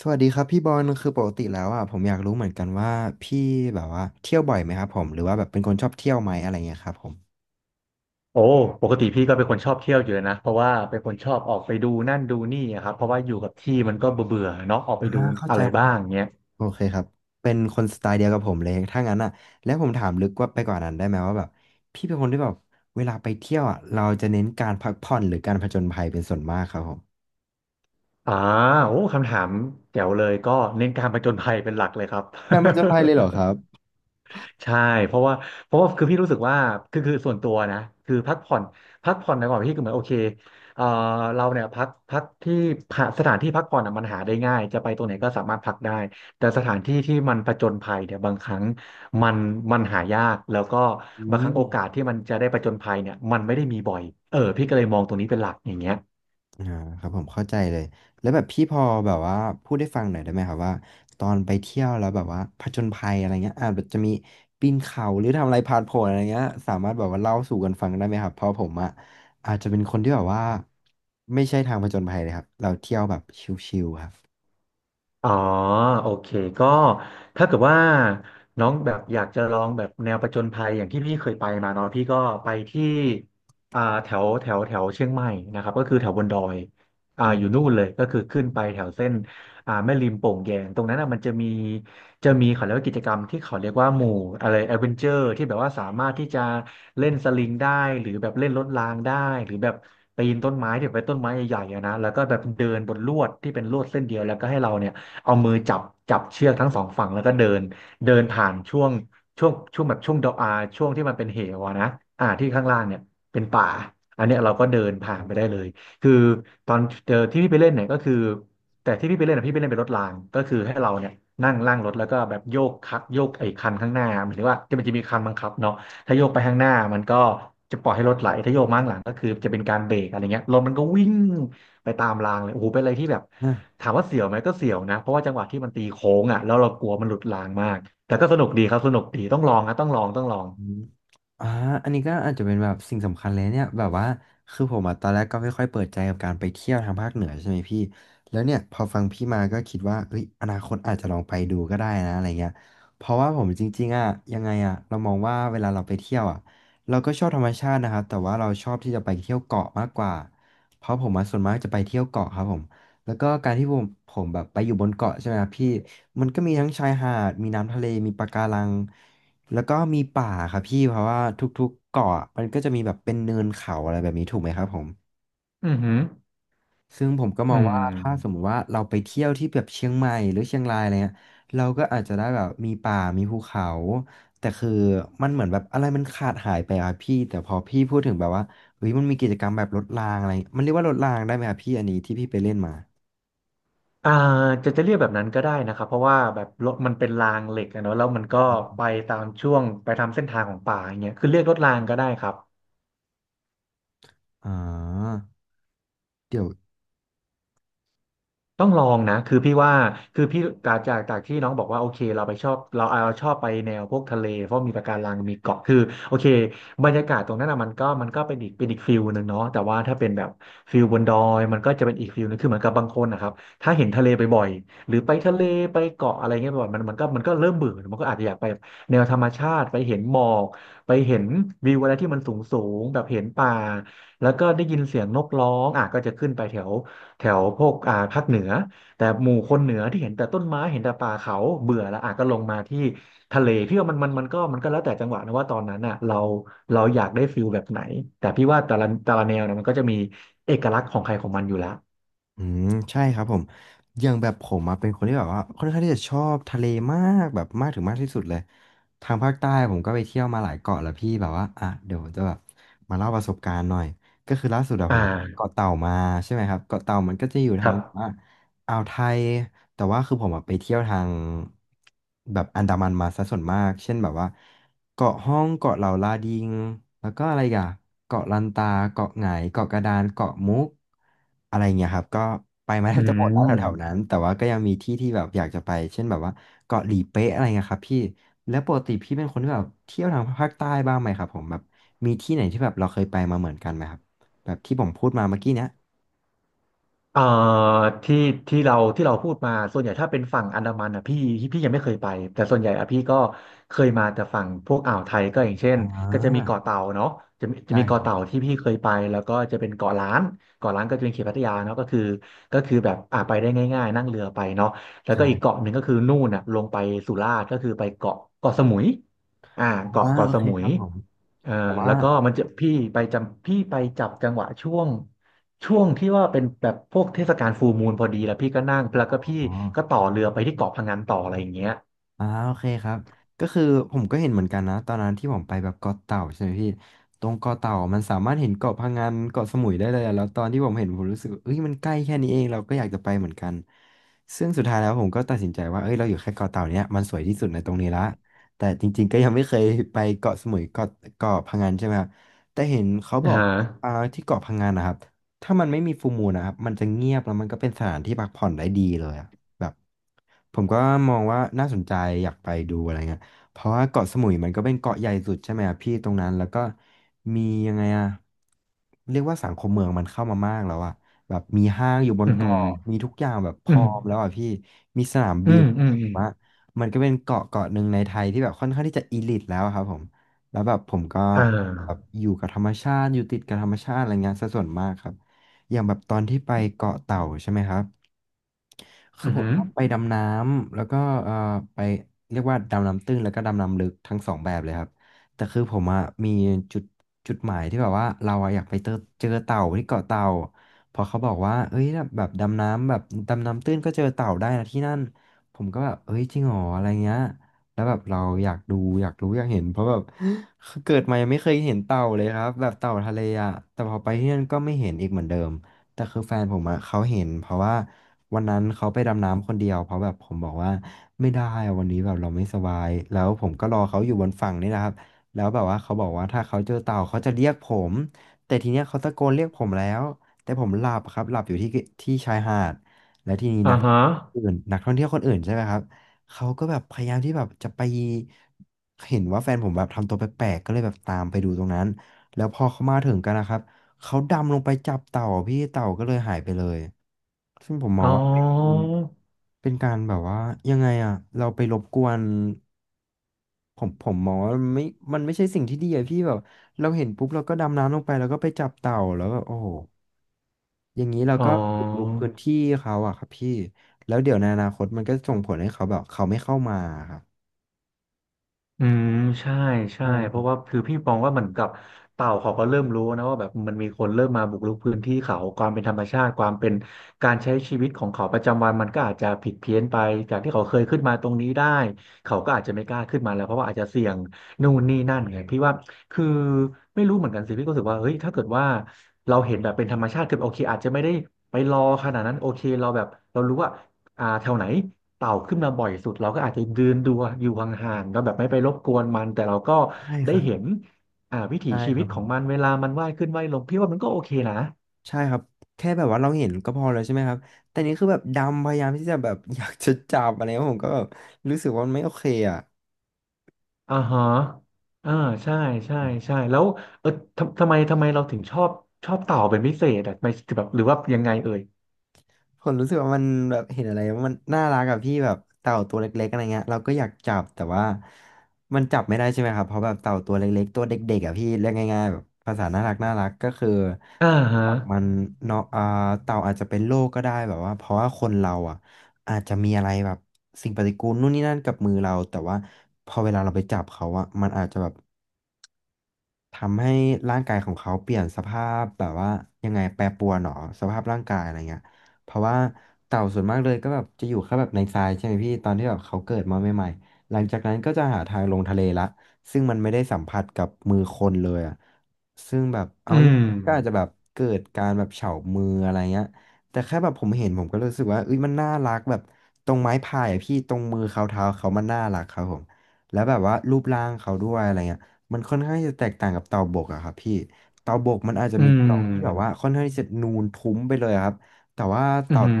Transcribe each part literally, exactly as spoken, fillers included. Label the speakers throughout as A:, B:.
A: สวัสดีครับพี่บอลคือปกติแล้วอ่ะผมอยากรู้เหมือนกันว่าพี่แบบว่าเที่ยวบ่อยไหมครับผมหรือว่าแบบเป็นคนชอบเที่ยวไหมอะไรเงี้ยครับผม
B: โอ้ปกติพี่ก็เป็นคนชอบเที่ยวอยู่แล้วนะเพราะว่าเป็นคนชอบออกไปดูนั่นดูนี่อะครับเพราะว่าอยู่กับที่มันก็เบื่อเบื่อเนาะออกไป
A: อ่า
B: ดู
A: เข้า
B: อะ
A: ใจ
B: ไร
A: แล้ว
B: บ้า
A: ครั
B: ง
A: บ
B: เงี้ย
A: โอเคครับเป็นคนสไตล์เดียวกับผมเลยถ้างั้นอ่ะแล้วผมถามลึกว่าไปกว่านั้นได้ไหมว่าแบบพี่เป็นคนที่แบบเวลาไปเที่ยวอ่ะเราจะเน้นการพักผ่อนหรือการผจญภัยเป็นส่วนมากครับผม
B: อ่าโอ้คำถามแจ๋วเลยก็เน้นการผจญภัยเป็นหลักเลยครับ
A: การผจญภัยเลยเหรอครั บ
B: ใช่เพราะว่าเพราะว่าคือพี่รู้สึกว่าคือคือส่วนตัวนะคือพักผ่อนพักผ่อนในก่อนพี่คือเหมือนโอเคเอ่อเราเนี่ยพักพักที่พักสถานที่พักผ่อนอะมันหาได้ง่ายจะไปตรงไหนก็สามารถพักได้แต่สถานที่ที่มันผจญภัยเนี่ยบางครั้งมันมันหายากแล้วก็
A: อื
B: บางครั้ง
A: ม
B: โอกาสที่มันจะได้ผจญภัยเนี่ยมันไม่ได้มีบ่อยเออพี่ก็เลยมองตรงนี้เป็นหลักอย่างเงี้ย
A: อ่าครับผมเข้าใจเลยแล้วแบบพี่พอแบบว่าพูดได้ฟังหน่อยได้ไหมครับว่าตอนไปเที่ยวแล้วแบบว่าผจญภัยอะไรเงี้ยอาจจะมีปีนเขาหรือทำอะไรผ่านผลอะไรเงี้ยสามารถแบบว่าเล่าสู่กันฟังได้ไหมครับเพราะผมอ่ะอาจจะเป็นคนที่แบบว่าไม่ใช่ทางผจญภัยเลยครับเราเที่ยวแบบชิลๆครับ
B: อ๋อโอเคก็ถ้าเกิดว่าน้องแบบอยากจะลองแบบแนวผจญภัยอย่างที่พี่เคยไปมาเนาะพี่ก็ไปที่อ่าแถวแถวแถวเชียงใหม่นะครับก็คือแถวบนดอยอ่า
A: อื
B: อยู่นู่นเลยก็คือขึ้นไปแถวเส้นอ่าแม่ริมโป่งแยงตรงนั้นอ่ะมันจะมีจะมีเขาเรียกว่ากิจกรรมที่เขาเรียกว่าหมู่อะไรแอดเวนเจอร์ที่แบบว่าสามารถที่จะเล่นสลิงได้หรือแบบเล่นรถรางได้หรือแบบปีนต้นไม้ที่เป็นต้นไม้ใหญ่ๆอะนะแล้วก็แบบเดินบนลวดที่เป็นลวดเส้นเดียวแล้วก็ให้เราเนี่ย เอามือจับจับเชือกทั้งสองฝั่งแล้วก็เดินเดินผ่านช่วงช่วงช่วงแบบช่วงดอกอาช่วงที่มันเป็นเหวอะนะอ่าที่ข้างล่างเนี่ยเป็นป่าอันเนี้ยเราก็เดินผ่านไปได้เลยคือตอนเจอที่พี่ไปเล่นเนี่ยก็คือแต่ที่พี่ไปเล่นอะพี่ไปเล่นเป็นรถรางก็คือให้เราเนี่ยนั่งล่างรถแล้วก็แบบโยกคักโยกไอ้คันข้างหน้าหมายถึงว่าจะมันจะมีคันบังคับเนาะถ้าโยกไปข้างหน้ามันก็จะปล่อยให้รถไหลถ้าโยกมาข้างหลังก็คือจะเป็นการเบรกอะไรเงี้ยรถมันก็วิ่ง ไปตามรางเลยโอ้โหเป็นอะไรที่แบบ
A: ม
B: ถามว่าเสียวไหมก็เสียวนะเพราะว่าจังหวะที่มันตีโค้งอ่ะแล้วเรากลัวมันหลุดรางมากแต่ก็สนุกดีครับสนุกดีต้องลองนะต้องลองต้องลอง
A: อืมอ่าอันนี้ก็อาจจะเป็นแบบสิ่งสำคัญเลยเนี่ยแบบว่าคือผมอ่ะตอนแรกก็ไม่ค่อยเปิดใจกับการไปเที่ยวทางภาคเหนือใช่ไหมพี่แล้วเนี่ยพอฟังพี่มาก็คิดว่าเอ้ยอนาคตอาจจะลองไปดูก็ได้นะอะไรเงี้ยเพราะว่าผมจริงๆอ่ะยังไงอ่ะเรามองว่าเวลาเราไปเที่ยวอ่ะเราก็ชอบธรรมชาตินะครับแต่ว่าเราชอบที่จะไปเที่ยวเกาะมากกว่าเพราะผมอ่ะส่วนมากจะไปเที่ยวเกาะครับผมแล้วก็การที่ผมผมแบบไปอยู่บนเกาะใช่ไหมครับพี่มันก็มีทั้งชายหาดมีน้ำทะเลมีปะการัง แล้วก็มีป่าครับพี่เพราะว่าทุกๆเกาะมันก็จะมีแบบเป็นเนินเขาอะไรแบบนี้ถูกไหมครับผม
B: อือหือ
A: ซึ่งผมก็ม
B: อื
A: อง
B: ม
A: ว่าถ้าสมมติว่าเราไปเที่ยวที่แบบเชียงใหม่หรือเชียงรายอะไรเงี้ยเราก็อาจจะได้แบบมีป่ามีภูเขาแต่คือมันเหมือนแบบอะไรมันขาดหายไปอะพี่แต่พอพี่พูดถึงแบบว่าเฮ้ยมันมีกิจกรรมแบบรถรางอะไรมันเรียกว่ารถรางได้ไหมครับพี่อันนี้ที่พี่ไปเล่นมา
B: อ่าจะจะเรียกแบบนั้นก็ได้นะครับเพราะว่าแบบรถมันเป็นรางเหล็กอะเนอะแล้วมันก็ไปตามช่วงไปตามเส้นทางของป่าอย่างเงี้ยคือเรียกรถรางก็ได้ครับ
A: อ่าเดี๋ยว
B: ต้องลองนะคือพี่ว่าคือพี่จากจากจากที่น้องบอกว่าโอเคเราไปชอบเราเอาชอบไปแนวพวกทะเลเพราะมีปะการังมีเกาะคือโอเคบรรยากาศตรงนั้นอ่ะมันก็มันก็เป็นอีกเป็นอีกฟิลหนึ่งเนาะแต่ว่าถ้าเป็นแบบฟิลบนดอยมันก็จะเป็นอีกฟิลหนึงคือเหมือนกับบางคนนะครับถ้าเห็นทะเลบ่อยๆหรือไปทะเลไปเกาะอะไรเงี้ยบ่อยๆมันมันก็มันก็เริ่มเบื่อมันก็อาจจะอยากไปแนวธรรมชาติไปเห็นหมอกไปเห็นวิวอะไรที่มันสูงสูงแบบเห็นป่าแล้วก็ได้ยินเสียงนกร้องอ่ะก็จะขึ้นไปแถว แถวพวกอ่าภาคเหนือแต่หมู่คนเหนือที่เห็นแต่ต้นไม้เห็นแต่ป่าเขาเบื่อแล้วอาจก็ลงมาที่ทะเลพี่ว่ามันมันมันก็มันก็แล้วแต่จังหวะนะว่าตอนนั้นอ่ะเราเราอยากได้ฟิลแบบไหนแต่พี่ว่าแต่ละแต่ละแนวนะมันก็จะมีเอกลักษณ์ของใครของมันอยู่แล้ว
A: อืมใช่ครับผมอย่างแบบผมอะเป็นคนที่แบบว่าค่อนข้างที่จะชอบทะเลมากแบบมากถึงมากที่สุดเลยทางภาคใต้ผมก็ไปเที่ยวมาหลายเกาะแล้วพี่แบบว่าอ่ะเดี๋ยวจะแบบมาเล่าประสบการณ์หน่อยก็คือล่าสุดอะ
B: อ่
A: ผมเกาะ
B: า
A: เต่ามาใช่ไหมครับเกาะเต่ามันก็จะอยู่
B: ค
A: ทาง
B: รั
A: แบบว่า
B: บ
A: อ่าวไทยแต่ว่าคือผมอะไปเที่ยวทางแบบอันดามันมาซะส่วนมากเช่นแบบว่าเกาะห้องเกาะเหล่าลาดิงแล้วก็อะไรอีกอะเกาะลันตาเกาะไหงเกาะกระดานเกาะมุกอะไรเงี้ยครับก็ไปมาแท
B: อื
A: บจะหมดแล้วแถวๆนั้
B: ม
A: นแต่ว่าก็ยังมีที่ที่แบบอยากจะไปเช่นแบบว่าเกาะหลีเป๊ะอะไรเงี้ยครับพี่แล้วปกติพี่เป็นคนที่แบบเที่ยวทางภาคใต้บ้างไหมครับผมแบบมีที่ไหนที่แบบเราเคยไปมาเหมือนกันไหมครับแบบที่ผมพูดมาเมื่อกี้เนี้ย
B: เอ่อที่ที่เราที่เราพูดมาส่วนใหญ่ถ้าเป็นฝั่งอันดามันอ่ะพี่พี่ยังไม่เคยไปแต่ส่วนใหญ่อ่ะพี่ก็เคยมาแต่ฝั่งพวกอ่าวไทยก็อย่างเช่น
A: อ่
B: ก็จะมี
A: า
B: เกาะเต่าเนาะจะมีจะ
A: ใช่
B: มี
A: ค
B: เกาะ
A: รั
B: เต่าที่พี่เคยไปแล้วก็จะเป็นเกาะล้านเกาะล้านก็จะเป็นเขตพัทยาเนาะก็คือก็คือแบบอ่าไปได้ง่ายๆนั่งเรือไปเนาะแล้วก็อีก
A: บ
B: เกาะหนึ่งก็คือนู่นอ่ะลงไปสุราษฎร์ก็คือไปเกาะเกาะสมุยอ่า
A: อ
B: เกาะ
A: ่า
B: เกาะ
A: โอ
B: ส
A: เค
B: มุ
A: ค
B: ย
A: รับผม
B: เอ่อ
A: แต่ว่า
B: แล้วก็มันจะพี่ไปจำพี่ไปจับจังหวะช่วง ช่วงที่ว่าเป็นแบบพวกเทศกาลฟูลมูนพอดีแล้วพี่ก็นั่งแล้ว
A: อ๋
B: ก็พี่
A: อ
B: ก็ต่อเรือไปที่เกาะพะงันต่ออะไรอย่างเงี้ย
A: อ่าโอเคครับก็คือผมก็เห็นเหมือนกันนะตอนนั้นที่ผมไปแบบเกาะเต่าใช่ไหมพี่ตรงเกาะเต่ามันสามารถเห็นเกาะพะงันเกาะสมุยได้เลยอะแล้วตอนที่ผมเห็นผมรู้สึกว่าเอ้ยมันใกล้แค่นี้เองเราก็อยากจะไปเหมือนกันซึ่งสุดท้ายแล้วผมก็ตัดสินใจว่าเอ้ยเราอยู่แค่เกาะเต่าเนี้ยมันสวยที่สุดในตรงนี้ละแต่จริงๆก็ยังไม่เคยไปเกาะสมุยเกาะเกาะพะงันใช่ไหมครับแต่เห็นเขาบ
B: อ่า
A: อก
B: ฮะ
A: ว่าอ่าที่เกาะพะงันนะครับถ้ามันไม่มีฟูลมูนนะครับมันจะเงียบแล้วมันก็เป็นสถานที่พักผ่อนได้ดีเลยอะ แบบผมก็มองว่าน่าสนใจอยากไปดูอะไรเงี้ยเพราะว่าเกาะสมุยมันก็เป็นเกาะใหญ่สุดใช่ไหมอะพี่ตรงนั้นแล้วก็มียังไงอะเรียกว่าสังคมเมืองมันเข้ามามากแล้วอะแบบมีห้างอยู่บน
B: อืมอื
A: เกาะมีทุกอย่างแบบพ
B: ื
A: ร้อ
B: ม
A: มแล้วอะพี่มีสนาม
B: อื
A: บิน
B: ม
A: ผ
B: อืมอื
A: ม
B: ม
A: ว่ามันก็เป็นเกาะเกาะหนึ่งในไทยที่แบบค่อนข้างที่จะอีลิทแล้วอะครับผมแล้วแบบผมก็
B: อ่
A: แบบ
B: า
A: อยู่กับธรรมชาติอยู่ติดกับธรรมชาติอะไรเงี้ยซะส่วนมากครับอย่างแบบตอนที่ไปเกาะเต่าใช่ไหมครับ คื
B: อื
A: อ
B: มอ
A: ผ
B: หื
A: ม
B: อ
A: ต้องไปดำน้ำแล้วก็เอ่อไปเรียกว่าดำน้ำตื้นแล้วก็ดำน้ำลึกทั้งสองแบบเลยครับแต่คือผมอะมีจุดจุดหมายที่แบบว่าเราอะอยากไปเจอเจอเต่าที่เกาะเต่าเพอเขาบอกว่าเอ้ยแบบดำน้ำแบบดำน้ำตื้นก็เจอเต่าได้นะที่นั่นผมก็แบบเอ้ยจริงเหรออะไรเงี้ยแล้วแบบเราอยากดูอยากรู้อยากเห็นเพราะแบบ เกิดมายังไม่เคยเห็นเต่าเลยครับแบบเต่าทะเลอะแต่พอไปที่นั่นก็ไม่เห็นอีกเหมือนเดิม แต่คือแฟนผมอะเขาเห็นเพราะว่าวันนั้นเขาไปดำน้ำคนเดียวเพราะแบบผมบอกว่าไม่ได้อะวันนี้แบบเราไม่สบายแล้วผมก็รอเขาอยู่บนฝั่งนี่นะครับแล้วแบบว่าเขาบอกว่าถ้าเขาเจอเต่าเขาจะเรียกผมแต่ทีเนี้ยเขาตะโกนเรียกผมแล้วแต่ผมหลับครับหลับอยู่ที่ที่ชายหาดและทีนี้
B: อ่า
A: นัก
B: ฮะ
A: อื่นนักท่องเที่ยวคนอื่นใช่ไหมครับเขาก็แบบพยายามที่แบบจะไปเห็นว่าแฟนผมแบบทำตัวแปลกๆก็เลยแบบตามไปดูตรงนั้นแล้วพอเขามาถึงกันนะครับ เขาดำลงไปจับเต่าอะพี่เต่าก็เลยหายไปเลยซึ่งผมม
B: อ๋
A: อง
B: อ
A: ว่าเป็นเป็นการแบบว่ายังไงอะเราไปรบกวนผมผมมองว่ามันไม่มันไม่ใช่สิ่งที่ดีอะพี่แบบเราเห็นปุ๊บเราก็ดำน้ำลงไปแล้วก็ไปจับเต่าแล้วแบบโอ้โหอย่างนี้เรา
B: อ๋อ
A: ก็บุกรุกพื้นที่เขาอะครับพี่แล้วเดี๋ยวในอนาคตมันก็ส่งผลให้เขาแบบเขาไม่เข้ามาครับ
B: อืมใช่ใช่
A: ใช่ค
B: เพ
A: รั
B: ราะ
A: บ
B: ว่าคือพี่มองว่าเหมือนกับเต่าเขาก็เริ่มรู้นะว่าแบบมันมีคนเริ่มมาบุกรุกพื้นที่เขาความเป็นธรรมชาติความเป็นการใช้ชีวิตของเขาประจำวันมันก็อาจจะผิดเพี้ยนไปจากที่เขาเคยขึ้นมาตรงนี้ได้เขาก็อาจจะไม่กล้าขึ้นมาแล้วเพราะว่าอาจจะเสี่ยงนู่นนี่นั่นไงพี่ว่าคือไม่รู้เหมือนกันสิพี่ก็รู้สึกว่าเฮ้ยถ้าเกิดว่าเราเห็นแบบเป็นธรรมชาติคือโอเคอาจจะไม่ได้ไปรอขนาดนั้นโอเคเราแบบเรารู้ว่าอ่าแถวไหน เต่าขึ้นมาบ่อยสุดเราก็อาจจะเดืนดูอยู่ห่างๆเราแบบไม่ไปรบกวนมันแต่เราก็
A: ใช่ค
B: ได้
A: รับ
B: เห็นอ่าวิถี
A: ใช่
B: ชี
A: ค
B: วิ
A: รั
B: ต
A: บ
B: ข
A: ผ
B: อง
A: ม
B: มันเวลามันว่ายขึ้นว่ายลงพี่ว่ามันก็โอเคนะ
A: ใช่ครับแค่แบบว่าเราเห็นก็พอแล้วใช่ไหมครับแต่นี่คือแบบดำพยายามที่จะแบบ อยากจะจับอะไรเงี้ยผมก็แบบรู้สึกว่ามันไม่โอเคอ่ะ
B: อ่าฮะอ่าใช่ใช่ใช่แล้วเออทำทำไมทำไมเราถึงชอบชอบเต่าเป็นพิเศษอ่ะไม่แบบหรือว่ายังไงเอ่ย
A: ผมรู้สึกว่ามันแบบเห็นอะไรมันน่ารักกับพี่แบบเต่าตัวเล็กๆอะไรเงี้ยเราก็อยากจับแต่ว่ามันจับไม่ได้ใช่ไหมครับเพราะแบบเต่าตัวเล็กๆตัวเด็กๆอ่ะพี่เรียกง่ายๆแบบภาษาน่ารักน่ารักก็คือ
B: อ่า
A: ถ้า
B: ฮะ
A: จับมันเนาะอ่าเต่าอาจจะเป็นโรคก็ได้แบบว่าเพราะว่าคนเราอ่ะอาจจะมีอะไรแบบสิ่งปฏิกูลนู่นนี่นั่นกับมือเราแต่ว่าพอเวลาเราไปจับเขาอ่ะมันอาจจะแบบ ทำให้ร่างกายของเขาเปลี่ยนสภาพแบบว่ายังไงแปรปรวนหรอสภาพร่างกายอะไรเงี้ยเพราะว่าเต่าส่วนมากเลยก็แบบจะอยู่แค่แบบในทรายใช่ไหมพี่ตอนที่แบบเขาเกิดมาใหม่ๆหลังจากนั้นก็จะหาทางลงทะเลละซึ่งมันไม่ได้สัมผัสกับมือคนเลยอ่ะซึ่งแบบเอา
B: อื
A: ง่าย
B: ม
A: ๆก็อาจจะแบบเกิดการแบบเฉามืออะไรเงี้ยแต่แค่แบบผมเห็นผมก็รู้สึกว่าเอ้ยมันน่ารักแบบตรงไม้พายอะพี่ตรงมือเขาเท้าเขามันน่ารักครับผมแล้วแบบว่ารูปร่างเขาด้วยอะไรเงี้ย มันค่อนข้างจะแตกต่างกับเตาบกอะครับพี่เตาบกมันอาจจะ
B: อื
A: มีกรอบที่แบบว่า
B: ม
A: ค่อนข้างที่จะนูนทุ้มไปเลยอะครับแต่ว่า
B: อืม
A: เตา
B: อหืม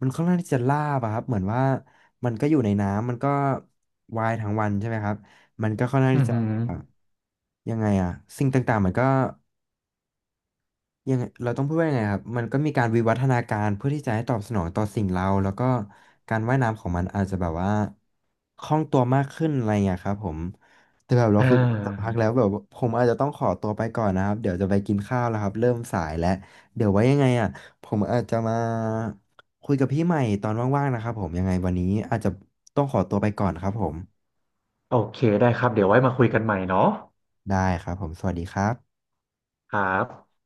A: มันค่อนข้างที่จะลาบอะครับเหมือนว่ามันก็อยู่ในน้ำมันก็วายทั้งวันใช่ไหมครับมันก็ค่อนข้าง
B: ออื
A: ที่
B: อ
A: จะ
B: หือ
A: ยังไงอะสิ่งต่างๆมันก็ ยังไงเราต้องพูดว่ายังไงครับมันก็มีการวิวัฒนาการเพื่อที่จะให้ตอบสนองต่อสิ่งเราแล้วก็การว่ายน้ำของมันอาจจะแบบว่าคล่องตัวมากขึ้นอะไรเงี้ยครับผมแต่แบบเรา
B: อ่า
A: คุยกันสักพักแล้วแบบว่าผมอาจจะต้องขอตัวไปก่อนนะครับเดี๋ยวจะไปกินข้าวแล้วครับเริ่มสายแล้วเดี๋ยวไว้ยังไงอ่ะผมอาจจะมาคุยกับพี่ใหม่ตอนว่างๆนะครับผมยังไงวันนี้อาจจะต้องขอตัวไปก่อนครับผม
B: โอเคได้ครับเดี๋ยวไว้มาคุยกันใหม่เนาะ
A: ได้ครับผมสวัสดีครับ
B: ครับ